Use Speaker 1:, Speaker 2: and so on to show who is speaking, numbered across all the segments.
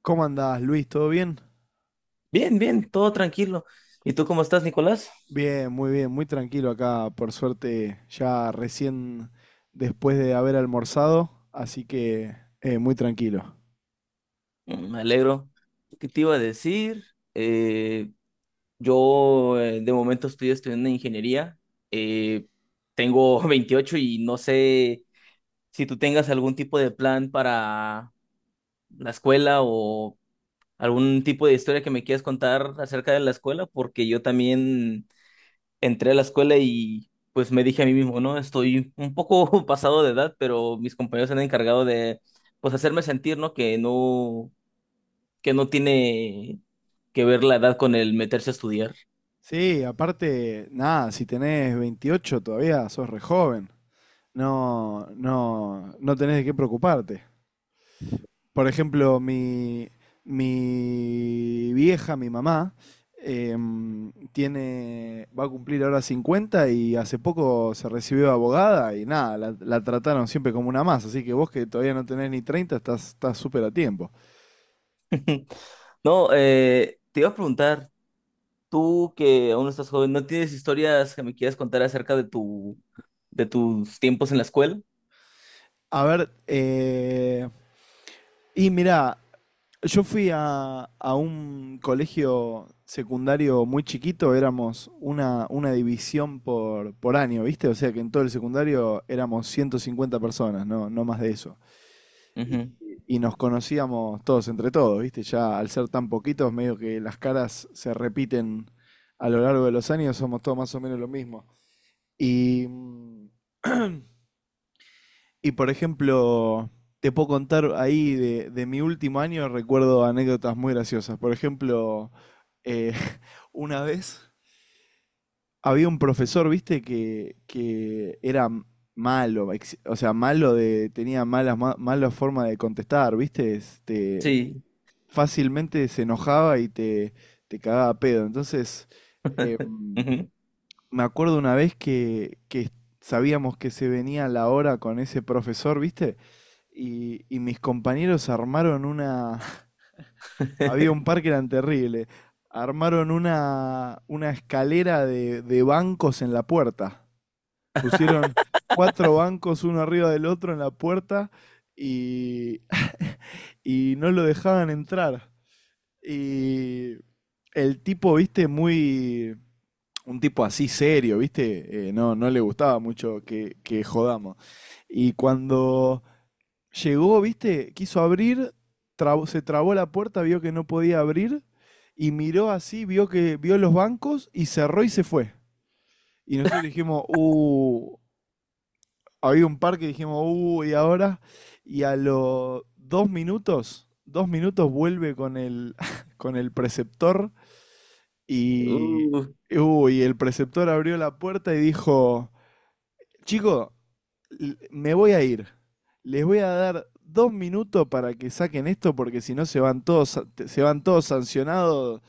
Speaker 1: ¿Cómo andás, Luis? ¿Todo bien?
Speaker 2: Bien, bien, todo tranquilo. ¿Y tú cómo estás, Nicolás?
Speaker 1: Bien, muy tranquilo acá, por suerte, ya recién después de haber almorzado, así que muy tranquilo.
Speaker 2: Me alegro. ¿Qué te iba a decir? Eh, yo de momento estoy estudiando ingeniería. Eh, Tengo 28 y no sé si tú tengas algún tipo de plan para la escuela o algún tipo de historia que me quieras contar acerca de la escuela, porque yo también entré a la escuela y pues me dije a mí mismo, no, estoy un poco pasado de edad, pero mis compañeros se han encargado de pues hacerme sentir, ¿no? Que no, que no tiene que ver la edad con el meterse a estudiar.
Speaker 1: Sí, aparte, nada, si tenés 28 todavía sos re joven. No, no, no tenés de qué preocuparte. Por ejemplo, mi vieja, mi mamá, tiene, va a cumplir ahora 50, y hace poco se recibió de abogada y nada, la trataron siempre como una más. Así que vos que todavía no tenés ni 30 estás súper a tiempo.
Speaker 2: No, te iba a preguntar, tú que aún no estás joven, ¿no tienes historias que me quieras contar acerca de tu, de tus tiempos en la escuela?
Speaker 1: A ver, y mirá, yo fui a un colegio secundario muy chiquito, éramos una división por año, ¿viste? O sea que en todo el secundario éramos 150 personas, no, no más de eso. Y,
Speaker 2: Ujú.
Speaker 1: y nos conocíamos todos entre todos, ¿viste? Ya al ser tan poquitos, medio que las caras se repiten a lo largo de los años, somos todos más o menos lo mismo. Y mm, y por ejemplo, te puedo contar ahí de mi último año, recuerdo anécdotas muy graciosas. Por ejemplo, eh, una vez había un profesor, viste, que era malo, o sea, malo de, tenía malas, mala forma de contestar, viste, este,
Speaker 2: Sí.
Speaker 1: fácilmente se enojaba y te cagaba a pedo. Entonces, em,
Speaker 2: Ujú.
Speaker 1: me acuerdo una vez que sabíamos que se venía la hora con ese profesor, viste, y mis compañeros armaron una, había un parque, eran terrible, armaron una escalera de bancos en la puerta. Pusieron cuatro bancos uno arriba del otro en la puerta y, y no lo dejaban entrar. Y el tipo, viste, muy. Un tipo así serio, viste, no le gustaba mucho que jodamos. Y cuando llegó, viste, quiso abrir, se trabó la puerta, vio que no podía abrir y miró así, vio que vio los bancos y cerró y se fue. Y nosotros dijimos, había un parque, dijimos, y ahora, y a los 2 minutos, 2 minutos vuelve con el, con el preceptor y,
Speaker 2: Uh,
Speaker 1: uh, y el preceptor abrió la puerta y dijo, chico, me voy a ir. Les voy a dar 2 minutos para que saquen esto porque si no se van todos, se van todos sancionados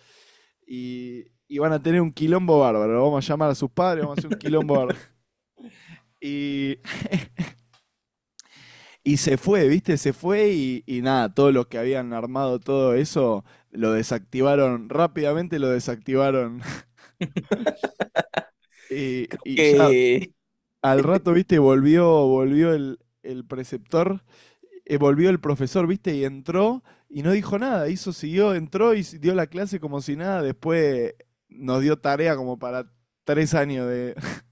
Speaker 1: y van a tener un quilombo bárbaro. Vamos a llamar a sus padres, vamos a hacer un quilombo bárbaro. Y, y se fue, ¿viste? Se fue y nada, todos los que habían armado todo eso lo desactivaron rápidamente, lo desactivaron. Y ya
Speaker 2: ok.
Speaker 1: al rato, viste, volvió el preceptor, volvió el profesor, viste, y entró y no dijo nada, siguió, entró y dio la clase como si nada, después nos dio tarea como para 3 años de.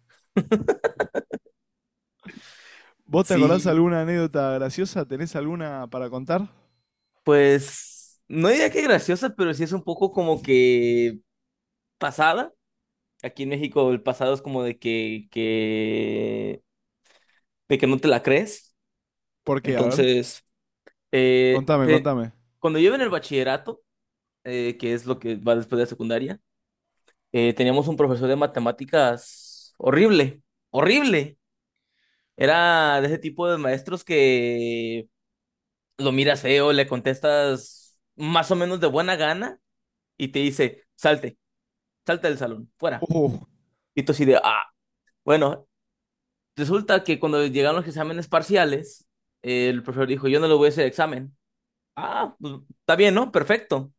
Speaker 1: ¿Vos te acordás
Speaker 2: Sí.
Speaker 1: alguna anécdota graciosa? ¿Tenés alguna para contar?
Speaker 2: Pues no diría que graciosa, pero sí es un poco como que pasada. Aquí en México el pasado es como de que, de que no te la crees.
Speaker 1: ¿Por qué? A ver,
Speaker 2: Entonces, eh,
Speaker 1: contame,
Speaker 2: te-
Speaker 1: contame.
Speaker 2: cuando yo iba en el bachillerato, que es lo que va después de la secundaria, teníamos un profesor de matemáticas horrible, horrible. Era de ese tipo de maestros que lo miras feo, le contestas más o menos de buena gana y te dice, salte, salte del salón, fuera.
Speaker 1: Uh,
Speaker 2: Y tú así de, ah, bueno, resulta que cuando llegaron los exámenes parciales, el profesor dijo, yo no le voy a hacer examen. Ah, pues, está bien, ¿no? Perfecto.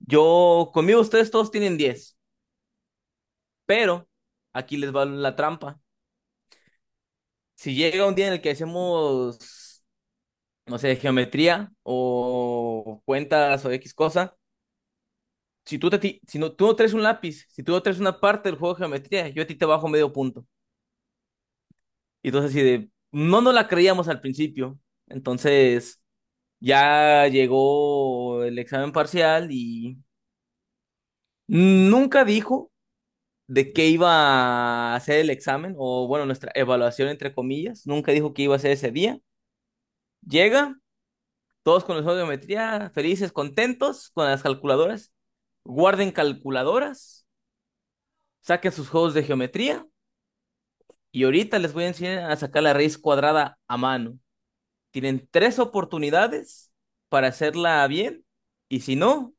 Speaker 2: Yo, conmigo ustedes todos tienen diez, pero aquí les va la trampa. Si llega un día en el que hacemos, no sé, geometría o cuentas o X cosa, si si no, tú no traes un lápiz, si tú no traes una parte del juego de geometría, yo a ti te bajo medio punto. Y entonces así de, no nos la creíamos al principio. Entonces, ya llegó el examen parcial y nunca dijo de qué iba a hacer el examen, o bueno, nuestra evaluación entre comillas, nunca dijo qué iba a hacer ese día. Llega, todos con el juego de geometría, felices, contentos con las calculadoras. Guarden calculadoras, saquen sus juegos de geometría y ahorita les voy a enseñar a sacar la raíz cuadrada a mano. Tienen tres oportunidades para hacerla bien y si no,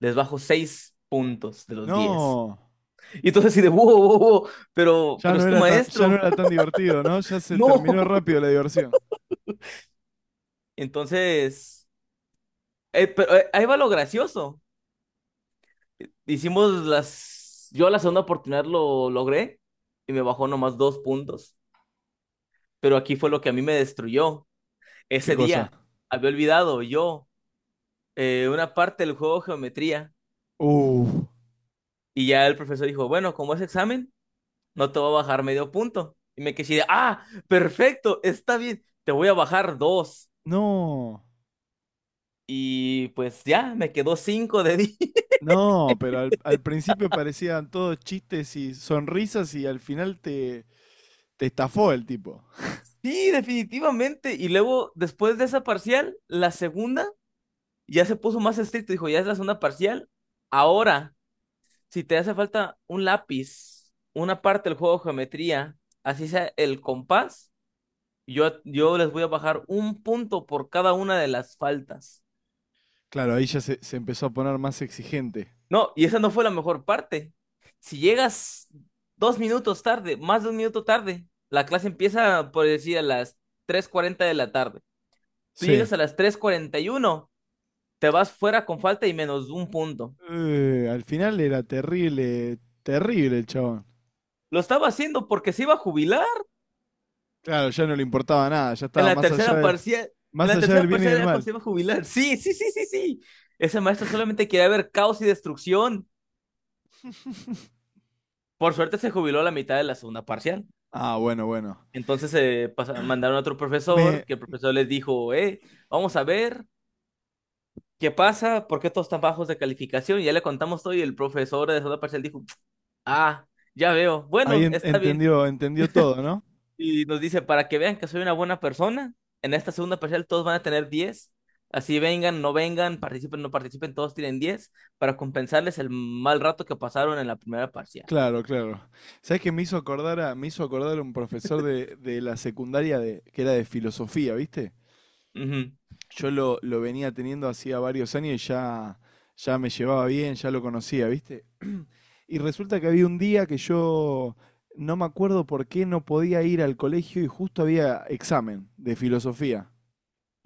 Speaker 2: les bajo 6 puntos de los diez.
Speaker 1: no,
Speaker 2: Y entonces así de, wow, wow, wow, wow,
Speaker 1: ya
Speaker 2: pero es
Speaker 1: no
Speaker 2: que
Speaker 1: era tan, ya no
Speaker 2: maestro,
Speaker 1: era tan divertido, ¿no? Ya se terminó
Speaker 2: no.
Speaker 1: rápido la diversión.
Speaker 2: Entonces, ahí va lo gracioso. Hicimos las, yo la segunda oportunidad lo logré y me bajó nomás dos puntos, pero aquí fue lo que a mí me destruyó.
Speaker 1: ¿Qué
Speaker 2: Ese
Speaker 1: cosa?
Speaker 2: día había olvidado yo una parte del juego de geometría
Speaker 1: Uh,
Speaker 2: y ya el profesor dijo, bueno, como es examen, no te voy a bajar medio punto. Y me quedé, de, ah, perfecto, está bien, te voy a bajar dos.
Speaker 1: no.
Speaker 2: Y pues ya, me quedó cinco de 10.
Speaker 1: No, pero al principio parecían todos chistes y sonrisas y al final te estafó el tipo.
Speaker 2: Sí, definitivamente. Y luego, después de esa parcial, la segunda ya se puso más estricto. Dijo, ya es la segunda parcial. Ahora, si te hace falta un lápiz, una parte del juego de geometría, así sea el compás, yo les voy a bajar un punto por cada una de las faltas.
Speaker 1: Claro, ahí ya se empezó a poner más exigente.
Speaker 2: No, y esa no fue la mejor parte. Si llegas dos minutos tarde, más de un minuto tarde, la clase empieza, por decir, a las tres cuarenta de la tarde. Tú
Speaker 1: Sí.
Speaker 2: llegas a las tres cuarenta y uno, te vas fuera con falta y menos un punto.
Speaker 1: Al final era terrible, terrible el chabón.
Speaker 2: Lo estaba haciendo porque se iba a jubilar
Speaker 1: Claro, ya no le importaba nada, ya
Speaker 2: en
Speaker 1: estaba
Speaker 2: la tercera parcial. En
Speaker 1: más
Speaker 2: la
Speaker 1: allá del
Speaker 2: tercera
Speaker 1: bien y
Speaker 2: parcial
Speaker 1: del
Speaker 2: era cuando
Speaker 1: mal.
Speaker 2: se iba a jubilar. Sí, sí, sí, sí, sí. Ese maestro solamente quería ver caos y destrucción. Por suerte se jubiló a la mitad de la segunda parcial.
Speaker 1: Ah, bueno, bueno.
Speaker 2: Entonces mandaron a otro
Speaker 1: Me,
Speaker 2: profesor, que el profesor les dijo, vamos a ver qué pasa, por qué todos tan bajos de calificación. Y ya le contamos todo y el profesor de segunda parcial dijo, ah, ya veo,
Speaker 1: ahí
Speaker 2: bueno, está bien.
Speaker 1: entendió todo, ¿no?
Speaker 2: Y nos dice, para que vean que soy una buena persona, en esta segunda parcial todos van a tener diez. Así vengan, no vengan, participen, no participen, todos tienen 10 para compensarles el mal rato que pasaron en la primera parcial.
Speaker 1: Claro, claro. ¿Sabés qué me hizo acordar a, me hizo acordar a un profesor de la secundaria de, que era de filosofía, ¿viste?
Speaker 2: Ujú,
Speaker 1: Yo lo venía teniendo hacía varios años y ya me llevaba bien, ya lo conocía, ¿viste? Y resulta que había un día que yo no me acuerdo por qué no podía ir al colegio y justo había examen de filosofía.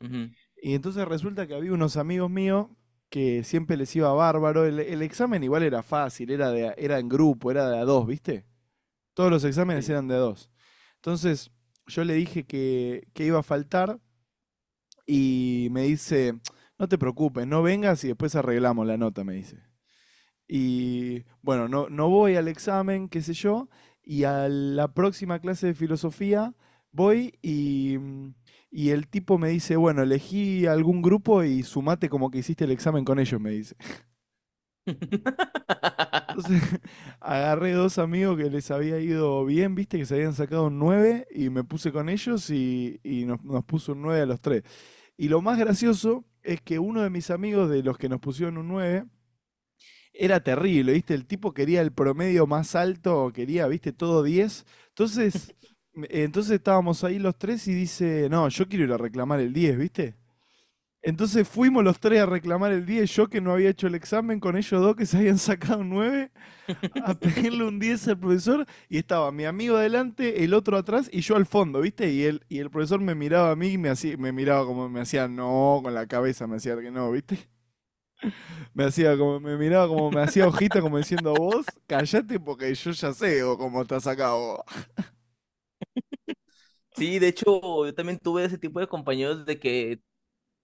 Speaker 2: ujú,
Speaker 1: Y entonces resulta que había unos amigos míos que siempre les iba bárbaro. El examen igual era fácil, era en grupo, era de a dos, ¿viste? Todos los exámenes
Speaker 2: sí.
Speaker 1: eran de a dos. Entonces yo le dije que iba a faltar y me dice, no te preocupes, no vengas y después arreglamos la nota, me dice. Y bueno, no, no voy al examen, qué sé yo, y a la próxima clase de filosofía voy y el tipo me dice, bueno, elegí algún grupo y sumate como que hiciste el examen con ellos, me dice. Entonces agarré dos amigos que les había ido bien, viste, que se habían sacado un 9 y me puse con ellos y nos puso un 9 a los tres. Y lo más gracioso es que uno de mis amigos de los que nos pusieron un 9 era terrible, viste, el tipo quería el promedio más alto, quería, viste, todo 10. Entonces estábamos ahí los tres y dice, no, yo quiero ir a reclamar el 10, viste. Entonces fuimos los tres a reclamar el 10, yo que no había hecho el examen, con ellos dos que se habían sacado un 9, a pedirle un 10 al profesor, y estaba mi amigo adelante, el otro atrás y yo al fondo, ¿viste? Y el profesor me miraba a mí me miraba como me hacía no con la cabeza, me hacía que no, ¿viste? Me hacía como, me miraba como me hacía hojita como diciendo vos, callate porque yo ya sé o cómo estás acá vos.
Speaker 2: Sí, de hecho, yo también tuve ese tipo de compañeros de que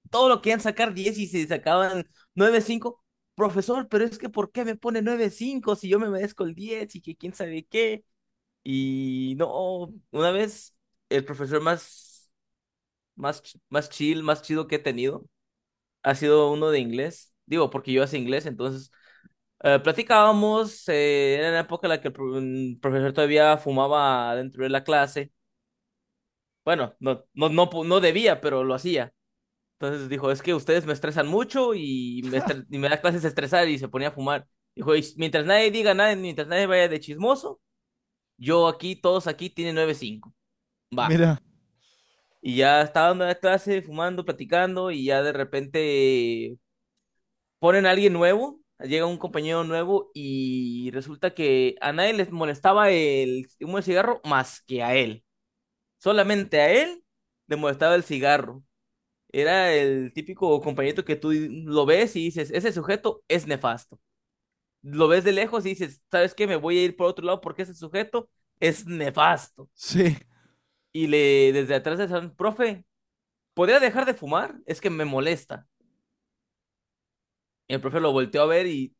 Speaker 2: todo lo querían sacar 10 y se sacaban nueve cinco. Profesor, pero es que ¿por qué me pone nueve cinco si yo me merezco el 10 y que quién sabe qué? Y no, una vez el profesor más chill, más chido que he tenido ha sido uno de inglés. Digo, porque yo hacía inglés, entonces platicábamos, era la época en la que el profesor todavía fumaba dentro de la clase. Bueno, no debía, pero lo hacía. Entonces dijo, es que ustedes me estresan mucho y y me da clases estresadas y se ponía a fumar. Dijo, "Y mientras nadie diga nada, mientras nadie vaya de chismoso, yo aquí, todos aquí tienen nueve cinco. Va."
Speaker 1: Mirá,
Speaker 2: Y ya estaba dando la clase, fumando, platicando y ya de repente ponen a alguien nuevo, llega un compañero nuevo y resulta que a nadie les molestaba el humo de cigarro más que a él. Solamente a él le molestaba el cigarro. Era el típico compañero que tú lo ves y dices, ese sujeto es nefasto. Lo ves de lejos y dices, ¿sabes qué? Me voy a ir por otro lado porque ese sujeto es nefasto.
Speaker 1: sí,
Speaker 2: Y le desde atrás le dicen, profe, ¿podría dejar de fumar? Es que me molesta. Y el profe lo volteó a ver y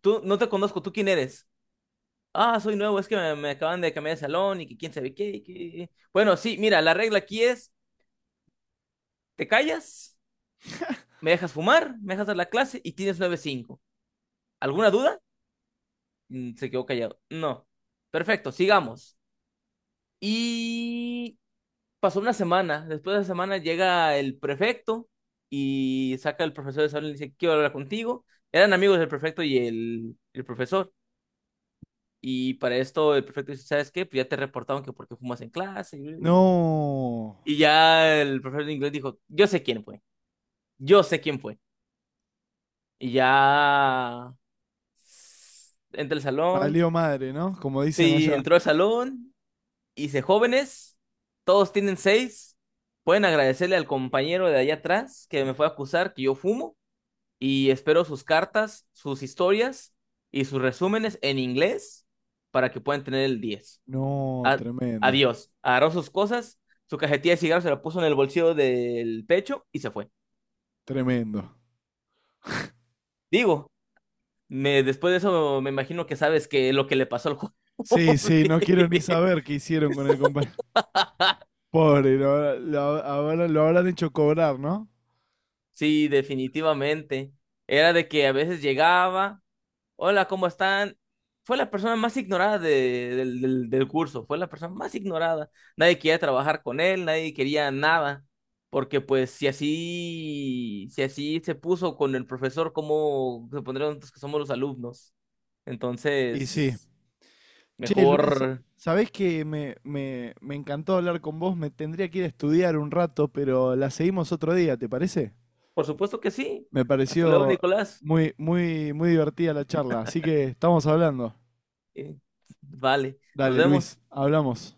Speaker 2: tú no te conozco, ¿tú quién eres? Ah, soy nuevo, es que me acaban de cambiar de salón y que quién sabe qué, y que... Bueno, sí, mira, la regla aquí es, te callas, me dejas fumar, me dejas dar la clase y tienes nueve cinco. ¿Alguna duda? Mm. Se quedó callado. No. Perfecto, sigamos. Y pasó una semana. Después de la semana llega el prefecto y saca al profesor de salón y le dice, quiero hablar contigo. Eran amigos del prefecto y el profesor. Y para esto el prefecto dice, ¿sabes qué? Pues ya te reportaron que porque fumas en clase.
Speaker 1: no,
Speaker 2: Y ya el profesor de inglés dijo, yo sé quién fue. Yo sé quién fue. Y ya entra al salón.
Speaker 1: valió madre, ¿no? Como dicen
Speaker 2: Sí,
Speaker 1: allá.
Speaker 2: entró al salón. Hice jóvenes, todos tienen seis. Pueden agradecerle al compañero de allá atrás que me fue a acusar que yo fumo y espero sus cartas, sus historias y sus resúmenes en inglés para que puedan tener el diez.
Speaker 1: No,
Speaker 2: A-
Speaker 1: tremendo,
Speaker 2: adiós. Agarró sus cosas, su cajetilla de cigarros se la puso en el bolsillo del pecho y se fue.
Speaker 1: tremendo.
Speaker 2: Digo, después de eso me imagino que sabes que lo que le pasó al joven.
Speaker 1: Sí, sí, no quiero ni saber qué hicieron con el compañero. Pobre, lo, lo habrán hecho cobrar, ¿no?
Speaker 2: Sí, definitivamente. Era de que a veces llegaba, hola, ¿cómo están? Fue la persona más ignorada del curso, fue la persona más ignorada. Nadie quería trabajar con él, nadie quería nada, porque pues si así, si así se puso con el profesor, ¿cómo se pondrían nosotros que somos los alumnos?
Speaker 1: Y sí,
Speaker 2: Entonces,
Speaker 1: che, Luis,
Speaker 2: mejor,
Speaker 1: sabés que me encantó hablar con vos, me tendría que ir a estudiar un rato, pero la seguimos otro día, ¿te parece?
Speaker 2: por supuesto que sí.
Speaker 1: Me
Speaker 2: Hasta luego,
Speaker 1: pareció
Speaker 2: Nicolás.
Speaker 1: muy, muy, muy divertida la charla, así que estamos hablando.
Speaker 2: Eh, vale, nos
Speaker 1: Dale, Luis,
Speaker 2: vemos.
Speaker 1: hablamos.